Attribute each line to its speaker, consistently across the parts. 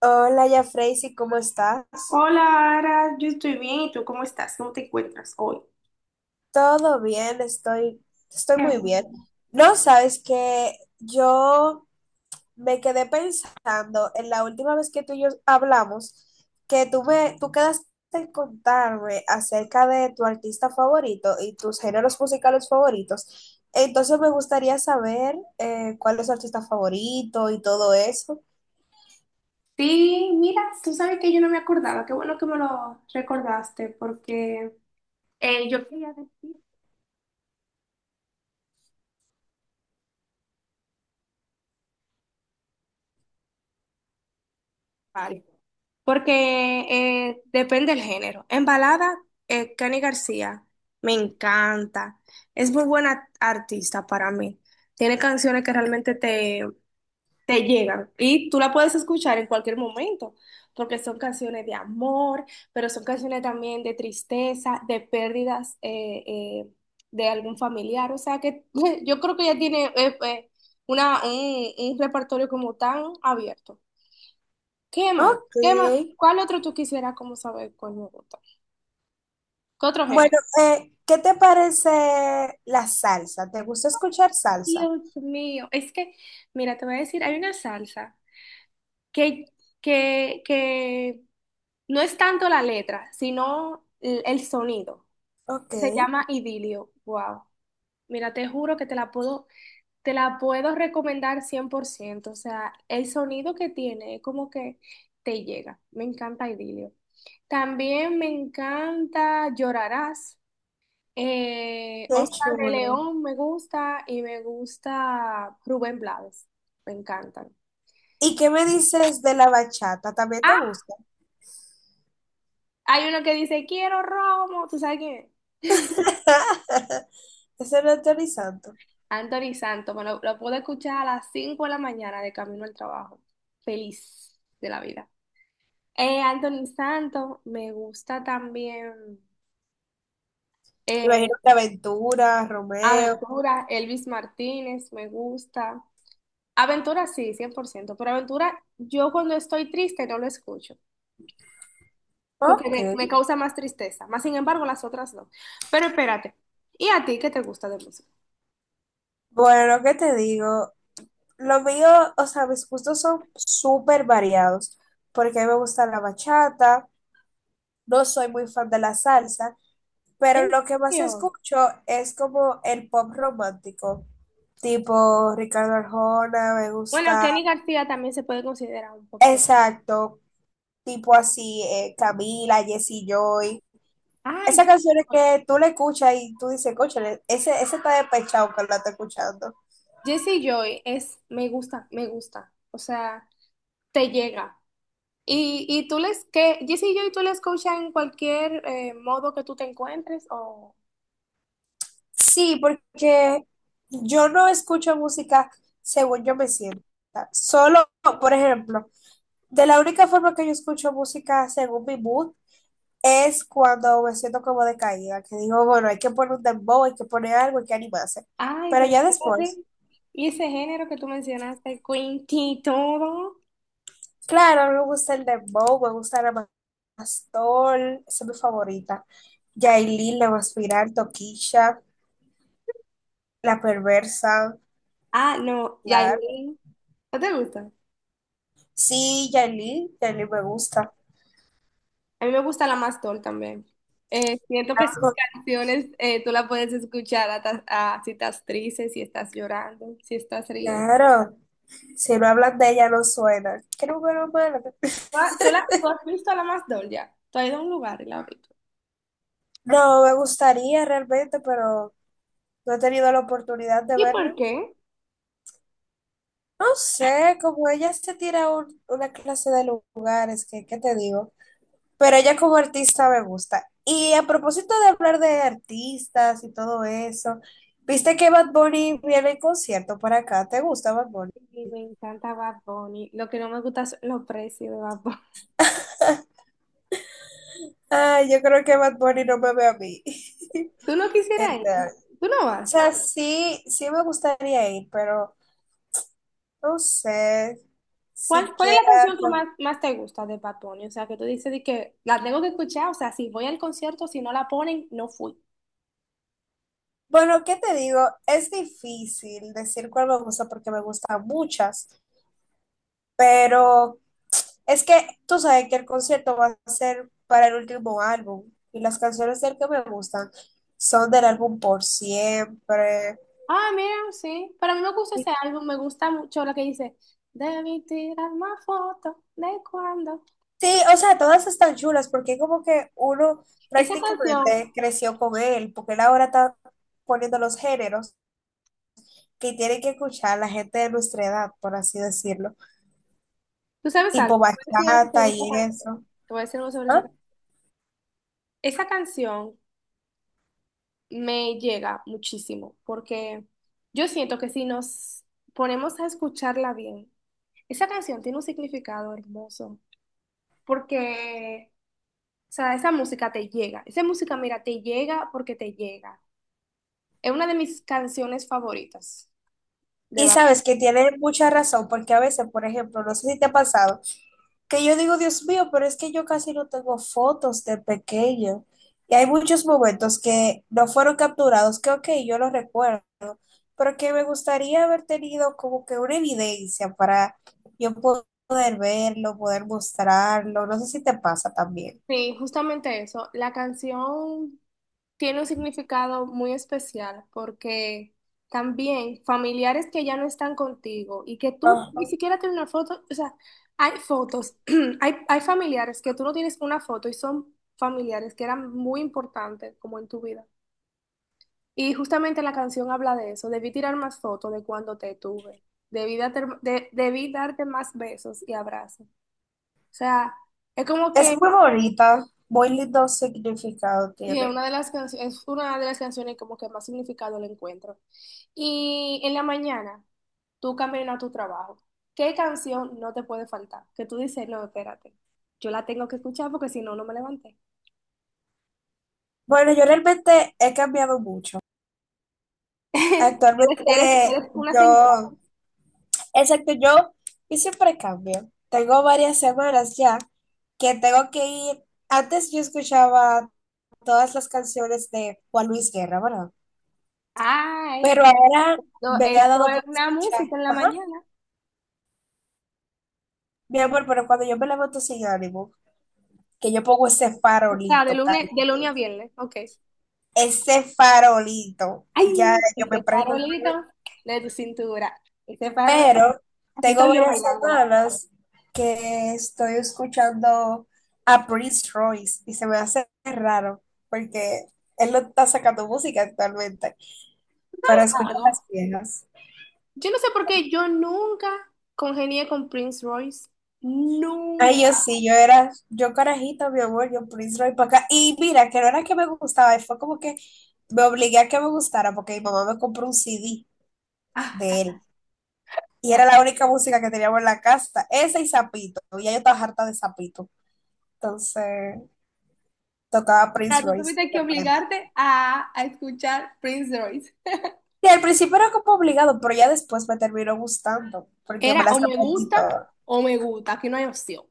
Speaker 1: Hola, ya Freysi, ¿cómo estás?
Speaker 2: Hola, Ara, yo estoy bien. ¿Y tú cómo estás? ¿Cómo te encuentras hoy?
Speaker 1: Todo bien, estoy, estoy
Speaker 2: Qué
Speaker 1: muy bien.
Speaker 2: bueno.
Speaker 1: No, sabes que yo me quedé pensando en la última vez que tú y yo hablamos, que tú me, tú quedaste en contarme acerca de tu artista favorito y tus géneros musicales favoritos. Entonces me gustaría saber cuál es tu artista favorito y todo eso.
Speaker 2: Sí, mira, tú sabes que yo no me acordaba. Qué bueno que me lo recordaste porque yo quería decir varios. Porque depende del género. En balada, Cani García me encanta. Es muy buena artista para mí. Tiene canciones que realmente te llegan y tú la puedes escuchar en cualquier momento, porque son canciones de amor, pero son canciones también de tristeza, de pérdidas eh, de algún familiar, o sea que yo creo que ya tiene un repertorio como tan abierto. ¿Qué más?
Speaker 1: Ok.
Speaker 2: ¿Qué más? ¿Cuál otro tú quisieras como saber cuál me gusta? ¿Qué otro género?
Speaker 1: Bueno, ¿qué te parece la salsa? ¿Te gusta escuchar salsa?
Speaker 2: Dios mío, es que, mira, te voy a decir, hay una salsa que, que no es tanto la letra, sino el sonido,
Speaker 1: Ok,
Speaker 2: que se llama Idilio. Wow. Mira, te juro que te la puedo recomendar 100%. O sea, el sonido que tiene es como que te llega. Me encanta Idilio. También me encanta Llorarás.
Speaker 1: qué
Speaker 2: Oscar de
Speaker 1: chulo.
Speaker 2: León me gusta y me gusta Rubén Blades. Me encantan.
Speaker 1: ¿Y qué me dices de la bachata? ¿También te
Speaker 2: Ah,
Speaker 1: gusta?
Speaker 2: hay uno que dice, quiero romo. ¿Tú sabes quién es?
Speaker 1: Ese no es Tony Santo.
Speaker 2: Anthony Santos, lo pude escuchar a las 5 de la mañana de camino al trabajo. Feliz de la vida. Anthony Santos, me gusta también.
Speaker 1: Me
Speaker 2: eh,
Speaker 1: imagino que Aventura, Romeo.
Speaker 2: Aventura, Elvis Martínez, me gusta. Aventura sí, 100%, pero Aventura yo cuando estoy triste no lo escucho, porque
Speaker 1: Ok.
Speaker 2: me causa más tristeza. Más sin embargo, las otras no. Pero espérate, ¿y a ti qué te gusta de música?
Speaker 1: Bueno, ¿qué te digo? Lo mío, o sea, mis gustos son súper variados, porque a mí me gusta la bachata, no soy muy fan de la salsa,
Speaker 2: ¿En
Speaker 1: pero lo que más
Speaker 2: serio?
Speaker 1: escucho es como el pop romántico. Tipo Ricardo Arjona, me
Speaker 2: Bueno,
Speaker 1: gusta,
Speaker 2: Kenny García también se puede considerar un pop rock.
Speaker 1: exacto, tipo así, Camila, Jesse Joy.
Speaker 2: Ay,
Speaker 1: Esas canciones
Speaker 2: Dios.
Speaker 1: que tú le escuchas y tú dices, cóchale, ese está despechado que la está escuchando.
Speaker 2: Jessie Joy es, me gusta, o sea, te llega. Y tú les, que Jessie Joy tú la escuchas en cualquier modo que tú te encuentres o...
Speaker 1: Sí, porque yo no escucho música según yo me sienta. Solo, por ejemplo, de la única forma que yo escucho música según mi mood es cuando me siento como decaída, que digo, bueno, hay que poner un dembow, hay que poner algo, hay que animarse.
Speaker 2: Ay,
Speaker 1: Pero
Speaker 2: pero
Speaker 1: ya
Speaker 2: espérate,
Speaker 1: después,
Speaker 2: y ese género que tú mencionaste, Quinty todo.
Speaker 1: claro, me gusta el dembow, me gusta la Pastor, esa es mi favorita. Yailin, la Maspiral, Toquilla, la Perversa,
Speaker 2: Ah, no,
Speaker 1: claro.
Speaker 2: Yailin, ¿no te gusta?
Speaker 1: Sí, Yailin, Yailin me gusta.
Speaker 2: A mí me gusta la Mastol también. Siento que sus canciones tú las puedes escuchar ah, si estás triste, si estás llorando, si estás riendo.
Speaker 1: Claro, si no hablan de ella no suena. Qué número malo.
Speaker 2: Ah, ¿tú, la, tú has visto a la más doll ya? Tú has ido a un lugar y la has visto.
Speaker 1: No, me gustaría realmente, pero no he tenido la oportunidad de
Speaker 2: ¿Y
Speaker 1: verla.
Speaker 2: por qué?
Speaker 1: No sé, como ella se tira un- una clase de lugares, que, ¿qué te digo? Pero ella como artista me gusta. Y a propósito de hablar de artistas y todo eso, ¿viste que Bad Bunny viene en concierto para acá? ¿Te gusta Bad Bunny?
Speaker 2: Y me encanta Bad Bunny. Lo que no me gusta son los precios de Bad Bunny.
Speaker 1: Ay, yo creo que Bad Bunny no me ve a mí.
Speaker 2: ¿Tú no quisieras ir?
Speaker 1: Entonces,
Speaker 2: ¿Tú no
Speaker 1: o
Speaker 2: vas?
Speaker 1: sea, sí, sí me gustaría ir, pero no sé
Speaker 2: ¿Cuál, cuál es
Speaker 1: siquiera.
Speaker 2: la canción que más te gusta de Bad Bunny? O sea, que tú dices de que la tengo que escuchar. O sea, si voy al concierto, si no la ponen, no fui.
Speaker 1: Bueno, ¿qué te digo? Es difícil decir cuál me gusta porque me gustan muchas, pero es que tú sabes que el concierto va a ser para el último álbum y las canciones del que me gustan son del álbum Por Siempre.
Speaker 2: Ah, mira, sí. Para mí me gusta
Speaker 1: Y
Speaker 2: ese álbum. Me gusta mucho lo que dice. Debí tirar más fotos de cuando.
Speaker 1: sí, o sea, todas están chulas porque como que uno
Speaker 2: Esa canción,
Speaker 1: prácticamente creció con él, porque él ahora está poniendo los géneros que tiene que escuchar la gente de nuestra edad, por así decirlo,
Speaker 2: ¿tú sabes algo?
Speaker 1: tipo
Speaker 2: Te voy a decir algo
Speaker 1: bachata
Speaker 2: sobre esa
Speaker 1: y
Speaker 2: canción.
Speaker 1: eso.
Speaker 2: Te voy a decir algo sobre esa
Speaker 1: ¿Ah?
Speaker 2: Esa canción me llega muchísimo porque yo siento que si nos ponemos a escucharla bien, esa canción tiene un significado hermoso porque, o sea, esa música te llega. Esa música, mira, te llega porque te llega. Es una de mis canciones favoritas de
Speaker 1: Y
Speaker 2: Bad
Speaker 1: sabes que tiene mucha razón, porque a veces, por ejemplo, no sé si te ha pasado, que yo digo, Dios mío, pero es que yo casi no tengo fotos de pequeño. Y hay muchos momentos que no fueron capturados, que ok, yo los recuerdo, pero que me gustaría haber tenido como que una evidencia para yo poder verlo, poder mostrarlo. No sé si te pasa también.
Speaker 2: Bunny. Sí, justamente eso. La canción tiene un significado muy especial porque también familiares que ya no están contigo y que tú ni
Speaker 1: Ajá.
Speaker 2: siquiera tienes una foto, o sea, hay fotos, hay familiares que tú no tienes una foto y son familiares que eran muy importantes como en tu vida. Y justamente la canción habla de eso, debí tirar más fotos de cuando te tuve, debí darte más besos y abrazos. O sea, es como
Speaker 1: Es
Speaker 2: que
Speaker 1: muy bonita, muy lindo significado
Speaker 2: sí, es
Speaker 1: tiene.
Speaker 2: una de las es una de las canciones como que más significado le encuentro. Y en la mañana, tú caminas a tu trabajo. ¿Qué canción no te puede faltar? Que tú dices, no, espérate, yo la tengo que escuchar porque si no, no me levanté.
Speaker 1: Bueno, yo realmente he cambiado mucho. Actualmente
Speaker 2: Eres una señora.
Speaker 1: yo, exacto, yo siempre cambio. Tengo varias semanas ya que tengo que ir. Antes yo escuchaba todas las canciones de Juan Luis Guerra, ¿verdad?
Speaker 2: Ay,
Speaker 1: Pero ahora
Speaker 2: no,
Speaker 1: me ha
Speaker 2: esto
Speaker 1: dado
Speaker 2: es
Speaker 1: por
Speaker 2: una
Speaker 1: escuchar.
Speaker 2: música en la
Speaker 1: Ajá.
Speaker 2: mañana.
Speaker 1: Mi amor, pero cuando yo me levanto sin ánimo, que yo pongo ese
Speaker 2: O sea,
Speaker 1: farolito, cariño,
Speaker 2: de lunes a viernes, ok.
Speaker 1: ese farolito, ya
Speaker 2: Ay,
Speaker 1: yo me
Speaker 2: ese
Speaker 1: prendo.
Speaker 2: farolito de tu cintura. Ese farolito,
Speaker 1: Pero
Speaker 2: aquí
Speaker 1: tengo
Speaker 2: estoy yo
Speaker 1: varias
Speaker 2: bailándola.
Speaker 1: semanas que estoy escuchando a Prince Royce y se me hace raro porque él no está sacando música actualmente,
Speaker 2: ¿Tú
Speaker 1: pero
Speaker 2: sabes
Speaker 1: escucho las
Speaker 2: algo?
Speaker 1: viejas.
Speaker 2: Yo no sé por qué yo nunca congenié con Prince Royce.
Speaker 1: Ay,
Speaker 2: Nunca.
Speaker 1: yo sí, yo era, yo carajita, mi amor, yo Prince Royce para acá. Y mira, que no era que me gustaba, fue como que me obligué a que me gustara porque mi mamá me compró un CD
Speaker 2: Ah,
Speaker 1: de él y era la única música que teníamos en la casa, ese y Zapito, y ya yo estaba harta de Zapito. Entonces tocaba
Speaker 2: o sea,
Speaker 1: Prince
Speaker 2: tú
Speaker 1: Royce
Speaker 2: tuviste
Speaker 1: y
Speaker 2: que
Speaker 1: aprendí.
Speaker 2: obligarte a escuchar Prince Royce.
Speaker 1: Y al principio era como obligado, pero ya después me terminó gustando, porque
Speaker 2: Era
Speaker 1: me las aprendí todas.
Speaker 2: o me gusta, aquí no hay opción.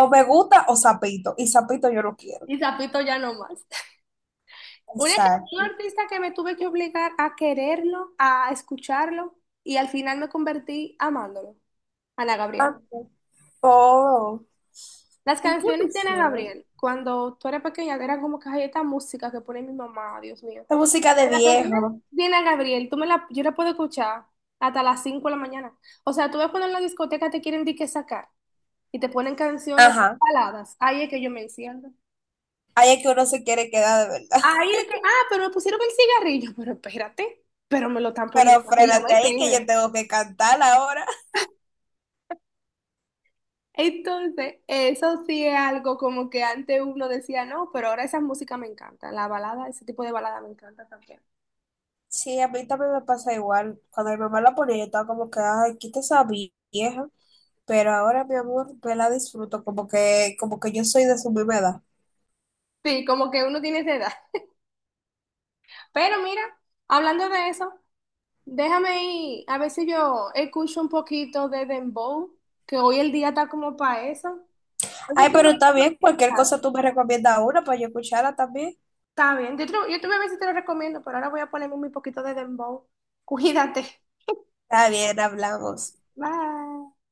Speaker 1: O me gusta o sapito, y sapito yo no quiero.
Speaker 2: Y Zapito ya no más. Una can- un
Speaker 1: Exacto.
Speaker 2: artista que me tuve que obligar a quererlo, a escucharlo, y al final me convertí amándolo, Ana Gabriel.
Speaker 1: Ah, oh,
Speaker 2: Las
Speaker 1: y yo,
Speaker 2: canciones de
Speaker 1: pues,
Speaker 2: Ana
Speaker 1: bueno,
Speaker 2: Gabriel, cuando tú eras pequeña, eran como que "Ay, esta música que pone mi mamá, Dios mío".
Speaker 1: la música de
Speaker 2: La canción de
Speaker 1: viejo.
Speaker 2: Diana Gabriel, yo la puedo escuchar hasta las 5 de la mañana. O sea, tú ves cuando en la discoteca te quieren de que sacar y te ponen canciones
Speaker 1: Ajá.
Speaker 2: baladas. Ahí es que yo me enciendo.
Speaker 1: Ahí es que uno se quiere quedar de verdad.
Speaker 2: Ahí es que, ah, pero me pusieron el cigarrillo. Pero espérate, pero me lo están poniendo
Speaker 1: Pero
Speaker 2: para que yo
Speaker 1: frénate
Speaker 2: me
Speaker 1: ahí que yo
Speaker 2: quede.
Speaker 1: tengo que cantar ahora.
Speaker 2: Entonces, eso sí es algo como que antes uno decía, no, pero ahora esa música me encanta. La balada, ese tipo de balada me encanta también.
Speaker 1: Sí, a mí también me pasa igual. Cuando mi mamá la ponía, yo estaba como que, ay, quita esa vieja. Pero ahora, mi amor, me la disfruto como que yo soy de su misma edad.
Speaker 2: Sí, como que uno tiene esa edad. Pero mira, hablando de eso. Déjame ir, a ver si yo escucho un poquito de Dembow, que hoy el día está como para eso. Oye,
Speaker 1: Ay,
Speaker 2: ¿qué es lo
Speaker 1: pero
Speaker 2: que
Speaker 1: está
Speaker 2: tú
Speaker 1: bien, cualquier
Speaker 2: escuchas?
Speaker 1: cosa tú me recomiendas una para yo escucharla también.
Speaker 2: Está bien, yo te voy a ver si te lo recomiendo, pero ahora voy a ponerme un poquito de Dembow. Cuídate.
Speaker 1: Está bien, hablamos.
Speaker 2: Bye.